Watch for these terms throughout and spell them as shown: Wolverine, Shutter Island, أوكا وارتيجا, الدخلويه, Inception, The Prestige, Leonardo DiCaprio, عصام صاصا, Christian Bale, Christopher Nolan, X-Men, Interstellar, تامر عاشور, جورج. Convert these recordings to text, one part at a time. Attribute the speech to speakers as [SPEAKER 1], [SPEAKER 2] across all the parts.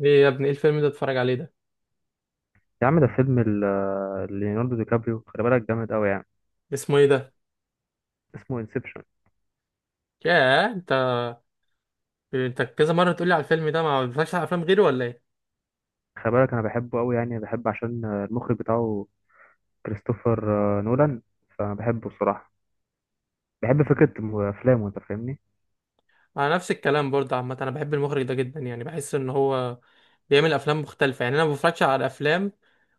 [SPEAKER 1] ايه يا ابني، ايه الفيلم ده اتفرج عليه ده؟
[SPEAKER 2] يا عم ده فيلم ليوناردو دي كابريو، خلي بالك جامد قوي يعني.
[SPEAKER 1] اسمه ايه ده؟
[SPEAKER 2] اسمه انسبشن.
[SPEAKER 1] ياه انت! انت كذا مره تقولي على الفيلم ده، ما بتفرجش على افلام غيره ولا ايه؟
[SPEAKER 2] خلي بالك انا بحبه قوي يعني، بحب عشان المخرج بتاعه كريستوفر نولان. فانا بحبه بصراحة. بحب فكرة افلامه. انت فاهمني؟
[SPEAKER 1] انا نفس الكلام برضه. عامه انا بحب المخرج ده جدا، يعني بحس ان هو بيعمل افلام مختلفه. يعني انا ما بفرجش على افلام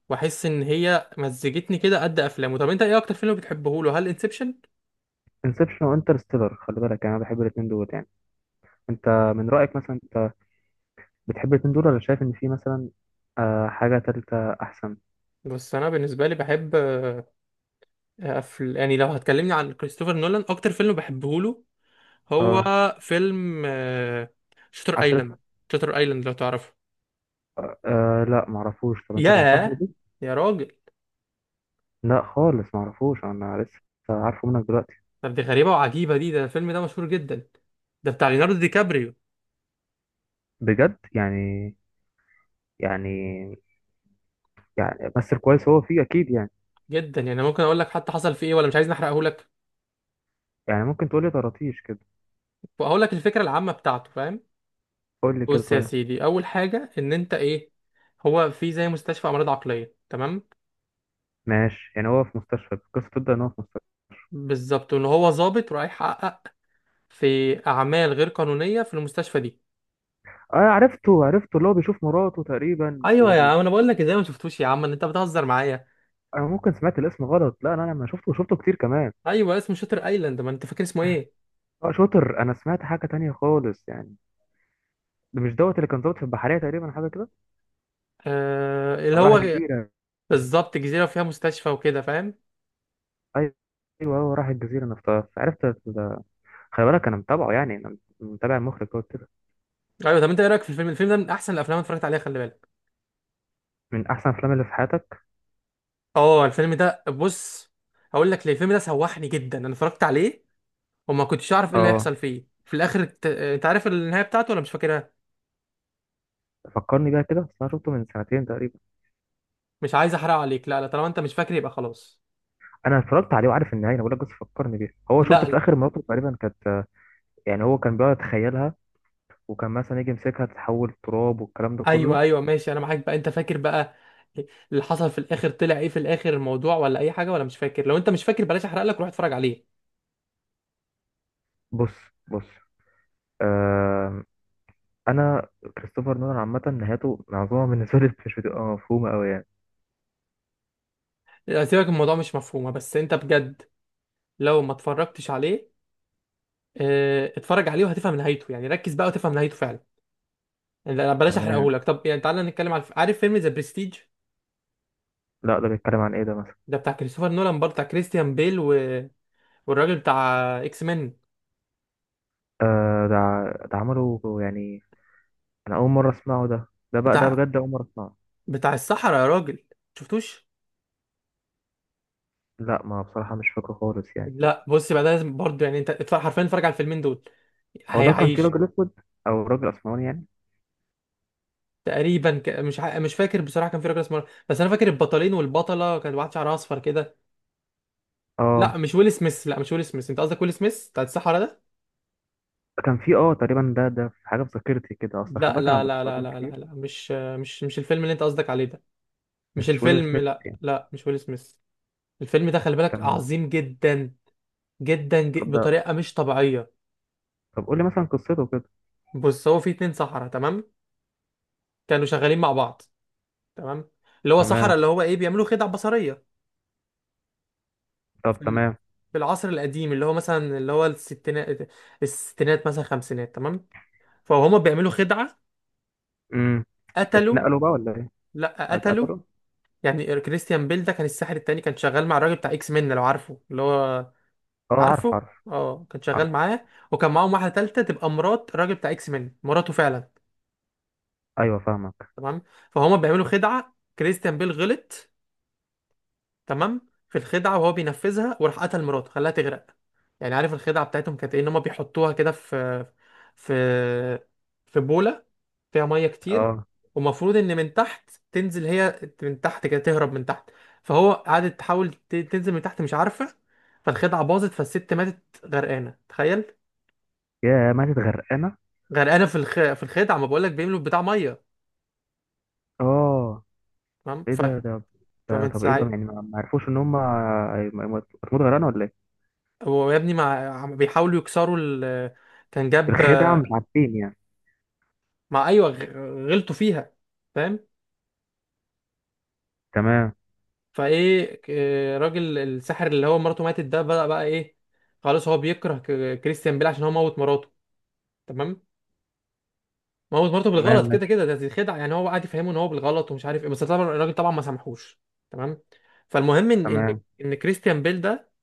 [SPEAKER 1] واحس ان هي مزجتني كده قد افلامه. طب انت ايه اكتر فيلم بتحبه له، هل انسبشن؟
[SPEAKER 2] انسبشن وانترستيلر، خلي بالك يعني انا بحب الاتنين دول يعني. انت، من رأيك مثلا، انت بتحب الاتنين دول ولا شايف ان في مثلا حاجة تالتة احسن؟
[SPEAKER 1] بس انا بالنسبه لي بحب يعني لو هتكلمني عن كريستوفر نولان، اكتر فيلم بحبه له هو
[SPEAKER 2] اه.
[SPEAKER 1] فيلم شتر
[SPEAKER 2] عسل
[SPEAKER 1] ايلاند.
[SPEAKER 2] اسود؟
[SPEAKER 1] شتر ايلاند، لو تعرفه؟
[SPEAKER 2] آه لا معرفوش، طب انت تنصحني
[SPEAKER 1] ياه!
[SPEAKER 2] بيه؟
[SPEAKER 1] يا راجل!
[SPEAKER 2] لا خالص معرفوش، انا لسه عارفه منك دلوقتي.
[SPEAKER 1] طب دي غريبة وعجيبة دي، ده الفيلم ده مشهور جدا، ده بتاع ليوناردو دي كابريو.
[SPEAKER 2] بجد يعني؟ يعني بس الكويس هو فيه اكيد يعني.
[SPEAKER 1] جدا يعني. ممكن اقول لك حتى حصل فيه ايه، ولا مش عايز احرقه لك؟
[SPEAKER 2] يعني ممكن تقولي طراطيش كده،
[SPEAKER 1] اقول لك الفكرة العامة بتاعته، فاهم؟
[SPEAKER 2] قول لي كده
[SPEAKER 1] بص يا
[SPEAKER 2] طيب.
[SPEAKER 1] سيدي، اول حاجة ان انت ايه، هو في زي مستشفى امراض عقلية، تمام؟
[SPEAKER 2] ماشي يعني، هو في مستشفى، القصه تبدا ان هو في مستشفى.
[SPEAKER 1] بالظبط، ان هو ظابط رايح يحقق في اعمال غير قانونية في المستشفى دي.
[SPEAKER 2] اه، عرفته عرفته، اللي هو بيشوف مراته تقريبا
[SPEAKER 1] ايوه يا عم، انا بقول لك! ازاي ما شفتوش يا عم، ان انت بتهزر معايا؟
[SPEAKER 2] انا ممكن سمعت الاسم غلط. لا انا لما شفته شفته كتير كمان.
[SPEAKER 1] ايوه، اسمه شاتر ايلاند. ما انت فاكر اسمه ايه؟
[SPEAKER 2] اه شاطر، انا سمعت حاجه تانية خالص يعني. ده مش دوت اللي كان ظابط في البحريه تقريبا، حاجه كده؟
[SPEAKER 1] آه، اللي
[SPEAKER 2] او راح
[SPEAKER 1] هو.
[SPEAKER 2] جزيره.
[SPEAKER 1] بالظبط، جزيره وفيها مستشفى وكده، فاهم؟
[SPEAKER 2] ايوه ايوه، هو راح الجزيره، انا افتكرت عرفت ده. خلي بالك انا متابعه يعني، انا متابع المخرج دوت كده.
[SPEAKER 1] ايوه. طب انت ايه رايك في الفيلم ده من احسن الافلام اللي اتفرجت عليها، خلي بالك.
[SPEAKER 2] من احسن افلام اللي في حياتك.
[SPEAKER 1] اه، الفيلم ده، بص هقول لك ليه الفيلم ده سوحني جدا. انا اتفرجت عليه وما كنتش اعرف ايه اللي
[SPEAKER 2] اه،
[SPEAKER 1] هيحصل فيه في الاخر. انت عارف النهايه بتاعته ولا مش فاكرها؟
[SPEAKER 2] فكرني بيها كده، بس انا شفته من سنتين تقريبا.
[SPEAKER 1] مش عايز احرق عليك. لا، لا، طالما انت مش فاكر يبقى خلاص.
[SPEAKER 2] انا اتفرجت عليه وعارف النهايه، انا بقول لك بس فكرني بيها. هو شفت
[SPEAKER 1] لا، لا.
[SPEAKER 2] في اخر مراته تقريبا كانت، يعني هو كان بيقعد يتخيلها، وكان مثلا يجي يمسكها تتحول تراب والكلام ده
[SPEAKER 1] ايوه،
[SPEAKER 2] كله.
[SPEAKER 1] ايوه ماشي، انا معاك بقى. انت فاكر بقى اللي حصل في الاخر؟ طلع ايه في الاخر الموضوع ولا اي حاجه؟ ولا مش فاكر؟ لو انت مش فاكر بلاش احرق لك، روح اتفرج عليه.
[SPEAKER 2] بص بص. آه. انا، كريستوفر نولان عامه نهايته معظمها بالنسبه لي مش بتبقى مفهومه قوي يعني.
[SPEAKER 1] آه، سيبك الموضوع مش مفهومه، بس انت بجد لو ما اتفرجتش عليه، اتفرج عليه وهتفهم نهايته. يعني ركز بقى وتفهم نهايته فعلا. يعني بلاش
[SPEAKER 2] تمام.
[SPEAKER 1] احرقهولك. طب يعني تعالى نتكلم على، عارف فيلم ذا برستيج؟
[SPEAKER 2] لا ده بيتكلم عن ايه ده مثلا؟
[SPEAKER 1] ده بتاع كريستوفر نولان برضه، بتاع كريستيان بيل والراجل بتاع اكس مان،
[SPEAKER 2] آه ده ده عمله يعني. انا اول مره اسمعه ده بقى ده
[SPEAKER 1] بتاع
[SPEAKER 2] بجد اول مره اسمعه.
[SPEAKER 1] بتاع الصحراء يا راجل. شفتوش؟
[SPEAKER 2] لا ما بصراحه مش فاكره خالص يعني.
[SPEAKER 1] لا، بص بقى، ده لازم برضه يعني. انت اتفرج، حرفيا اتفرج على الفيلمين دول،
[SPEAKER 2] هو ده كان فيه
[SPEAKER 1] هيعيش.
[SPEAKER 2] راجل اسود، او راجل اسمراني يعني.
[SPEAKER 1] تقريبا مش فاكر بصراحه، كان في راجل اسمه، بس انا فاكر البطلين والبطله، كان واحد شعرها اصفر كده.
[SPEAKER 2] اه،
[SPEAKER 1] لا، مش ويل سميث، لا مش ويل سميث، انت قصدك ويل سميث بتاع الصحراء ده.
[SPEAKER 2] كان في تقريبا، ده في حاجه في ذاكرتي كده، اصل خد
[SPEAKER 1] لا،
[SPEAKER 2] بالك انا
[SPEAKER 1] لا، لا،
[SPEAKER 2] بشوف
[SPEAKER 1] لا،
[SPEAKER 2] افلام
[SPEAKER 1] لا، لا،
[SPEAKER 2] كتير.
[SPEAKER 1] لا، مش الفيلم اللي انت قصدك عليه ده. مش
[SPEAKER 2] مش ويل
[SPEAKER 1] الفيلم،
[SPEAKER 2] سميث
[SPEAKER 1] لا،
[SPEAKER 2] يعني.
[SPEAKER 1] لا، مش ويل سميث. الفيلم ده خلي بالك
[SPEAKER 2] تمام.
[SPEAKER 1] عظيم جدا، جدا، جدا
[SPEAKER 2] طب ده،
[SPEAKER 1] بطريقة مش طبيعية.
[SPEAKER 2] طب قول لي مثلا قصته كده.
[SPEAKER 1] بص، هو في اتنين سحرة، تمام؟ كانوا شغالين مع بعض، تمام. اللي هو سحرة،
[SPEAKER 2] تمام.
[SPEAKER 1] اللي هو ايه، بيعملوا خدع بصرية
[SPEAKER 2] طب
[SPEAKER 1] في ال-
[SPEAKER 2] تمام.
[SPEAKER 1] في العصر القديم، اللي هو مثلا، اللي هو الستينات مثلا، خمسينات، تمام. فهما بيعملوا خدعة،
[SPEAKER 2] امم.
[SPEAKER 1] قتلوا.
[SPEAKER 2] اتنقلوا بقى ولا ايه؟
[SPEAKER 1] لا،
[SPEAKER 2] أو
[SPEAKER 1] قتلوا.
[SPEAKER 2] اتقتلوا؟
[SPEAKER 1] يعني كريستيان بيل ده كان الساحر التاني، كان شغال مع الراجل بتاع اكس مين، لو عارفه، اللي هو.
[SPEAKER 2] اه، عارف
[SPEAKER 1] عارفه،
[SPEAKER 2] عارف
[SPEAKER 1] اه كان شغال
[SPEAKER 2] عارف.
[SPEAKER 1] معاه. وكان معاهم واحده ثالثه، تبقى مرات الراجل بتاع اكس مان، مراته فعلا.
[SPEAKER 2] ايوه فاهمك.
[SPEAKER 1] تمام. فهما بيعملوا خدعه، كريستيان بيل غلط تمام في الخدعه، وهو بينفذها وراح قتل مراته، خلاها تغرق. يعني عارف الخدعه بتاعتهم كانت ايه؟ ان هما بيحطوها كده، في في بوله فيها ميه كتير.
[SPEAKER 2] اه.
[SPEAKER 1] ومفروض ان من تحت تنزل، هي من تحت كده تهرب من تحت. فهو قعدت تحاول تنزل من تحت، مش عارفه. فالخدعه باظت، فالست ماتت غرقانه، تخيل.
[SPEAKER 2] يا ماتت غرقانه.
[SPEAKER 1] غرقانه في الخدع ما بقولك، بيملوا بتاع ميه.
[SPEAKER 2] اه،
[SPEAKER 1] تمام
[SPEAKER 2] ايه ده؟ ده،
[SPEAKER 1] فمن
[SPEAKER 2] طب ايه ده
[SPEAKER 1] ساعتها.
[SPEAKER 2] يعني، ما عرفوش ان هم هتموت غرقانه ولا ايه؟
[SPEAKER 1] هو يا ابني عم بيحاولوا يكسروا كان جاب.
[SPEAKER 2] الخدعه مش عارفين يعني.
[SPEAKER 1] مع، ايوه غلطوا فيها، فاهم؟
[SPEAKER 2] تمام.
[SPEAKER 1] فايه راجل الساحر اللي هو مراته ماتت ده بقى ايه؟ خلاص هو بيكره كريستيان بيل عشان هو موت مراته. تمام. موت مراته
[SPEAKER 2] تمام
[SPEAKER 1] بالغلط كده
[SPEAKER 2] ماشي.
[SPEAKER 1] كده، دي خدعه، يعني هو قاعد يفهمه ان هو بالغلط ومش عارف ايه، بس طبعا الراجل طبعا ما سامحوش. تمام. فالمهم ان ان
[SPEAKER 2] تمام.
[SPEAKER 1] ان كريستيان بيل ده،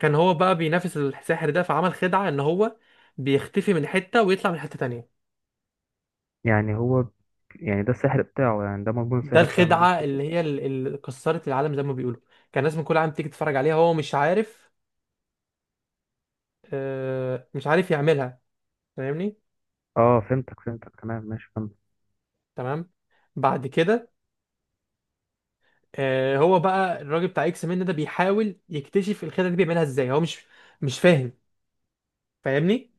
[SPEAKER 1] كان هو بقى بينافس الساحر ده، فعمل خدعة ان هو بيختفي من حتة ويطلع من حتة تانية.
[SPEAKER 2] يعني هو يعني ده السحر بتاعه يعني، ده مضمون
[SPEAKER 1] ده
[SPEAKER 2] السحر بتاعه إن هو
[SPEAKER 1] الخدعة
[SPEAKER 2] بيخطف.
[SPEAKER 1] اللي هي اللي كسرت العالم زي ما بيقولوا. كان الناس من كل عام تيجي تتفرج عليها، هو مش عارف، مش عارف يعملها، فاهمني؟
[SPEAKER 2] اه فهمتك فهمتك، تمام ماشي فهمت.
[SPEAKER 1] تمام. بعد كده، هو بقى الراجل بتاع اكس من ده بيحاول يكتشف الخدعة دي بيعملها ازاي، هو مش فاهم، فاهمني؟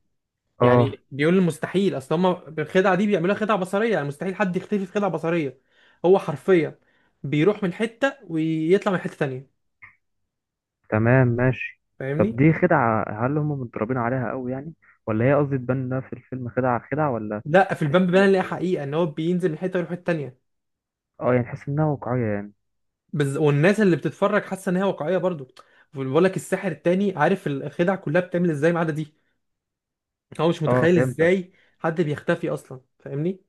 [SPEAKER 2] اه
[SPEAKER 1] يعني بيقول المستحيل، اصل هم الخدعه دي بيعملوها خدعه بصريه، يعني مستحيل حد يختفي في خدعه بصريه. هو حرفيا بيروح من حته ويطلع من حته تانية،
[SPEAKER 2] تمام ماشي. طب
[SPEAKER 1] فاهمني؟
[SPEAKER 2] دي خدعة، هل هم متدربين عليها قوي يعني، ولا هي، قصدي، تبان انها في الفيلم خدعة خدعة، ولا
[SPEAKER 1] لا، في
[SPEAKER 2] تحس
[SPEAKER 1] البامب
[SPEAKER 2] انها
[SPEAKER 1] بان، اللي هي
[SPEAKER 2] واقعية؟
[SPEAKER 1] حقيقه ان هو بينزل من حته ويروح الحته التانية.
[SPEAKER 2] اه يعني تحس انها واقعية يعني.
[SPEAKER 1] والناس اللي بتتفرج حاسه ان هي واقعيه برضو. بقول لك الساحر التاني عارف الخدع كلها بتعمل ازاي ما عدا دي. هو مش
[SPEAKER 2] اه
[SPEAKER 1] متخيل
[SPEAKER 2] فهمتك.
[SPEAKER 1] ازاي حد بيختفي اصلا، فاهمني؟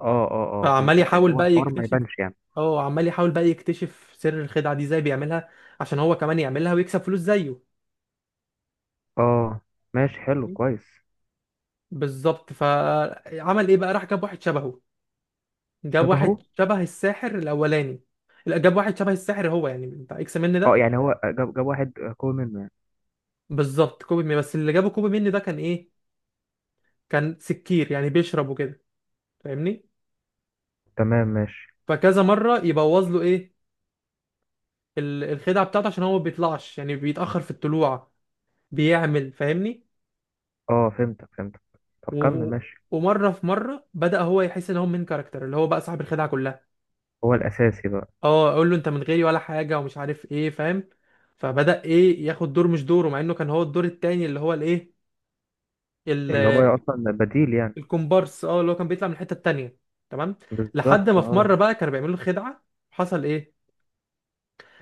[SPEAKER 2] اه اه اه
[SPEAKER 1] فعمال
[SPEAKER 2] فهمتك، يعني
[SPEAKER 1] يحاول
[SPEAKER 2] هو
[SPEAKER 1] بقى
[SPEAKER 2] الحوار ما
[SPEAKER 1] يكتشف،
[SPEAKER 2] يبانش يعني.
[SPEAKER 1] اه عمال يحاول بقى يكتشف سر الخدعه دي ازاي بيعملها، عشان هو كمان يعملها ويكسب فلوس زيه.
[SPEAKER 2] اه ماشي حلو كويس.
[SPEAKER 1] بالظبط، فعمل ايه بقى، راح جاب واحد شبهه. جاب واحد
[SPEAKER 2] شبهه.
[SPEAKER 1] شبه الساحر الاولاني. لا، جاب واحد شبه الساحر هو، يعني بتاع اكس من
[SPEAKER 2] اه
[SPEAKER 1] ده.
[SPEAKER 2] يعني هو جاب واحد قوي منه يعني.
[SPEAKER 1] بالظبط، كوبي مين. بس اللي جابه كوبي مين ده كان ايه، كان سكير يعني بيشرب وكده، فاهمني؟
[SPEAKER 2] تمام ماشي.
[SPEAKER 1] فكذا مره يبوظ له ايه، الخدعه بتاعته، عشان هو ما بيطلعش، يعني بيتاخر في الطلوع بيعمل، فاهمني؟
[SPEAKER 2] اه فهمتك فهمتك. طب كمل
[SPEAKER 1] و...
[SPEAKER 2] ماشي.
[SPEAKER 1] ومره في مره بدا هو يحس ان هو من كاركتر اللي هو بقى صاحب الخدعه كلها.
[SPEAKER 2] هو الأساسي بقى.
[SPEAKER 1] اه، اقول له انت من غيري ولا حاجه ومش عارف ايه، فاهم؟ فبدأ ايه، ياخد دور مش دوره، مع انه كان هو الدور التاني اللي هو الايه،
[SPEAKER 2] اللي هو
[SPEAKER 1] ال-
[SPEAKER 2] أصلا بديل يعني.
[SPEAKER 1] الكومبارس، اه اللي هو كان بيطلع من الحته التانيه. تمام. لحد
[SPEAKER 2] بالظبط
[SPEAKER 1] ما في
[SPEAKER 2] اه.
[SPEAKER 1] مره بقى كانوا بيعملوا خدعه، حصل ايه؟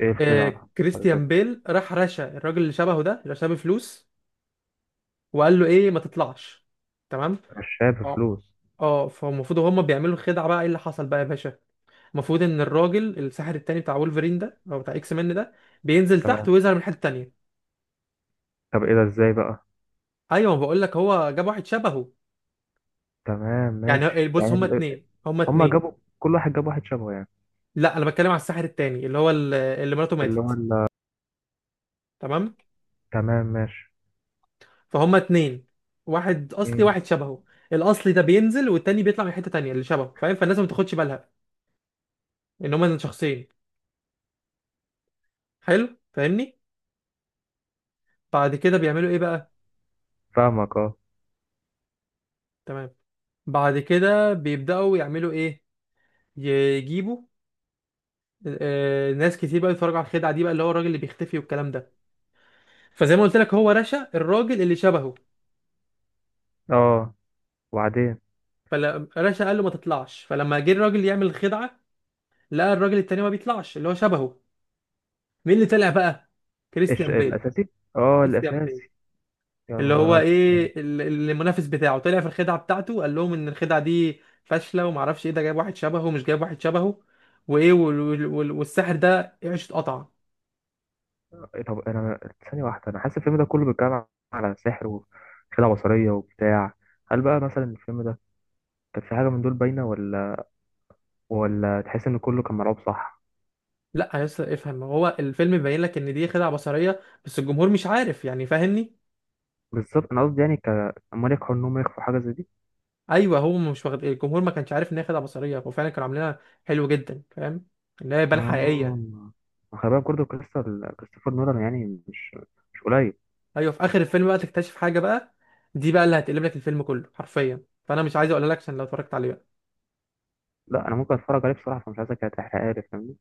[SPEAKER 2] ايه الخدعة
[SPEAKER 1] آه،
[SPEAKER 2] اللي
[SPEAKER 1] كريستيان
[SPEAKER 2] حصلت؟
[SPEAKER 1] بيل راح رشا الراجل اللي شبهه ده، اللي شبه، فلوس. وقال له ايه، ما تطلعش، تمام.
[SPEAKER 2] مشاها
[SPEAKER 1] اه،
[SPEAKER 2] بفلوس.
[SPEAKER 1] اه، فالمفروض هما بيعملوا خدعه، بقى ايه اللي حصل بقى يا باشا؟ المفروض ان الراجل الساحر التاني بتاع وولفرين ده، او بتاع اكس مان ده، بينزل تحت
[SPEAKER 2] تمام.
[SPEAKER 1] ويظهر من الحته التانيه.
[SPEAKER 2] طب ايه ده، ازاي بقى؟
[SPEAKER 1] ايوه، بقول لك هو جاب واحد شبهه.
[SPEAKER 2] تمام
[SPEAKER 1] يعني
[SPEAKER 2] ماشي،
[SPEAKER 1] بص، هما اتنين، هما
[SPEAKER 2] هما
[SPEAKER 1] اتنين.
[SPEAKER 2] جابوا، كل واحد جاب واحد شبهه يعني.
[SPEAKER 1] لا، انا بتكلم على الساحر التاني اللي هو اللي مراته
[SPEAKER 2] اللي هو
[SPEAKER 1] ماتت.
[SPEAKER 2] ال-
[SPEAKER 1] تمام.
[SPEAKER 2] تمام ماشي.
[SPEAKER 1] فهما اتنين، واحد اصلي
[SPEAKER 2] مم.
[SPEAKER 1] واحد شبهه. الاصلي ده بينزل، والتاني بيطلع من حته تانيه اللي شبهه، فاهم؟ فالناس ما تاخدش بالها ان هما شخصين، حلو، فاهمني؟ بعد كده بيعملوا ايه بقى؟
[SPEAKER 2] فاهمك اه.
[SPEAKER 1] تمام. بعد كده بيبداوا يعملوا ايه، يجيبوا ناس كتير بقى يتفرجوا على الخدعه دي بقى، اللي هو الراجل اللي بيختفي والكلام ده. فزي ما قلت لك، هو رشا الراجل اللي شبهه.
[SPEAKER 2] اه، وبعدين؟
[SPEAKER 1] فالرشا قال له ما تطلعش، فلما جه الراجل يعمل الخدعه، لقى الراجل التاني ما بيطلعش، اللي هو شبهه. مين اللي طلع بقى؟
[SPEAKER 2] ايش
[SPEAKER 1] كريستيان بيل.
[SPEAKER 2] الاساسي. اه
[SPEAKER 1] كريستيان بيل،
[SPEAKER 2] الاساسي. يا
[SPEAKER 1] اللي هو
[SPEAKER 2] نهار أبيض.
[SPEAKER 1] ايه، المنافس بتاعه، طلع في الخدعه بتاعته، قال لهم ان الخدعه دي فاشله وما اعرفش ايه، ده جايب واحد شبهه ومش جايب واحد شبهه وايه، والساحر ده عيشه قطع.
[SPEAKER 2] إيه؟ طب انا، ثانيه واحده، انا حاسس الفيلم ده كله بيتكلم على سحر وخدعه بصريه وبتاع. هل بقى مثلا الفيلم ده كان في حاجه من دول باينه، ولا تحس ان كله كان ملعوب صح؟
[SPEAKER 1] لا يا اسطى، افهم، هو الفيلم بيبين لك ان دي خدعه بصريه، بس الجمهور مش عارف، يعني فاهمني؟
[SPEAKER 2] بالظبط انا قصدي يعني ك امال ينجحوا انهم يخفوا حاجه زي دي؟
[SPEAKER 1] ايوه، هو مش واخد، الجمهور ما كانش عارف ان هي خدعه بصريه، هو فعلا كانوا عاملينها. حلو جدا، فاهم؟ ان هي بان حقيقيه.
[SPEAKER 2] اه خلي بالك برضه كريستوفر نولان يعني مش قليل.
[SPEAKER 1] ايوه، في اخر الفيلم بقى تكتشف حاجه بقى، دي بقى اللي هتقلب لك الفيلم كله حرفيا، فانا مش عايز اقول لك عشان لو اتفرجت عليه بقى.
[SPEAKER 2] لا انا ممكن اتفرج عليه بصراحه، فمش عايزك تحرقها لي فاهمني.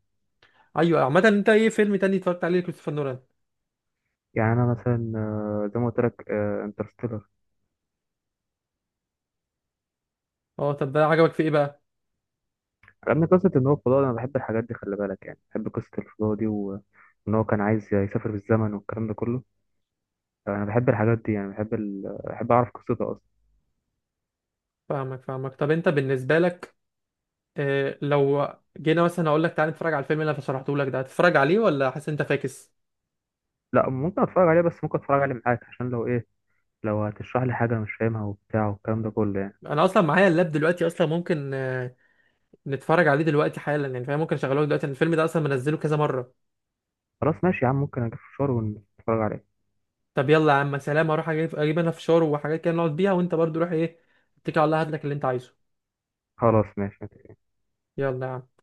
[SPEAKER 1] ايوه عامه، انت ايه فيلم تاني اتفرجت عليه كريستوفر نولان؟
[SPEAKER 2] يعني انا مثلا زي ما قلت لك انترستيلر.
[SPEAKER 1] اه، طب ده عجبك في ايه بقى؟
[SPEAKER 2] عجبني قصه ان هو فضاء، انا بحب الحاجات دي خلي بالك يعني، بحب قصه الفضاء دي وان هو كان عايز يسافر بالزمن والكلام ده كله. انا بحب الحاجات دي يعني، بحب بحب اعرف قصته اصلا.
[SPEAKER 1] فاهمك، فاهمك، طب انت بالنسبه لك، لو جينا مثلا، اقول لك تعالى نتفرج على الفيلم اللي انا شرحته لك ده، هتتفرج عليه ولا حاسس انت فاكس؟
[SPEAKER 2] لا ممكن اتفرج عليه، بس ممكن اتفرج عليه معاك، عشان لو ايه، لو هتشرح لي حاجه مش فاهمها وبتاع والكلام ده كله يعني.
[SPEAKER 1] انا اصلا معايا اللاب دلوقتي اصلا، ممكن نتفرج عليه دلوقتي حالا يعني، فاهم؟ ممكن اشغله لك دلوقتي لأن الفيلم ده اصلا منزله كذا مره.
[SPEAKER 2] خلاص ماشي يا عم، ممكن اجيب فشار ونتفرج عليه.
[SPEAKER 1] طب يلا يا عم. سلام، اروح اجيب انا فشار وحاجات كده نقعد بيها، وانت برضو روح ايه، اتكل على الله، هات لك اللي انت عايزه.
[SPEAKER 2] خلاص ماشي.
[SPEAKER 1] يلا يا عم.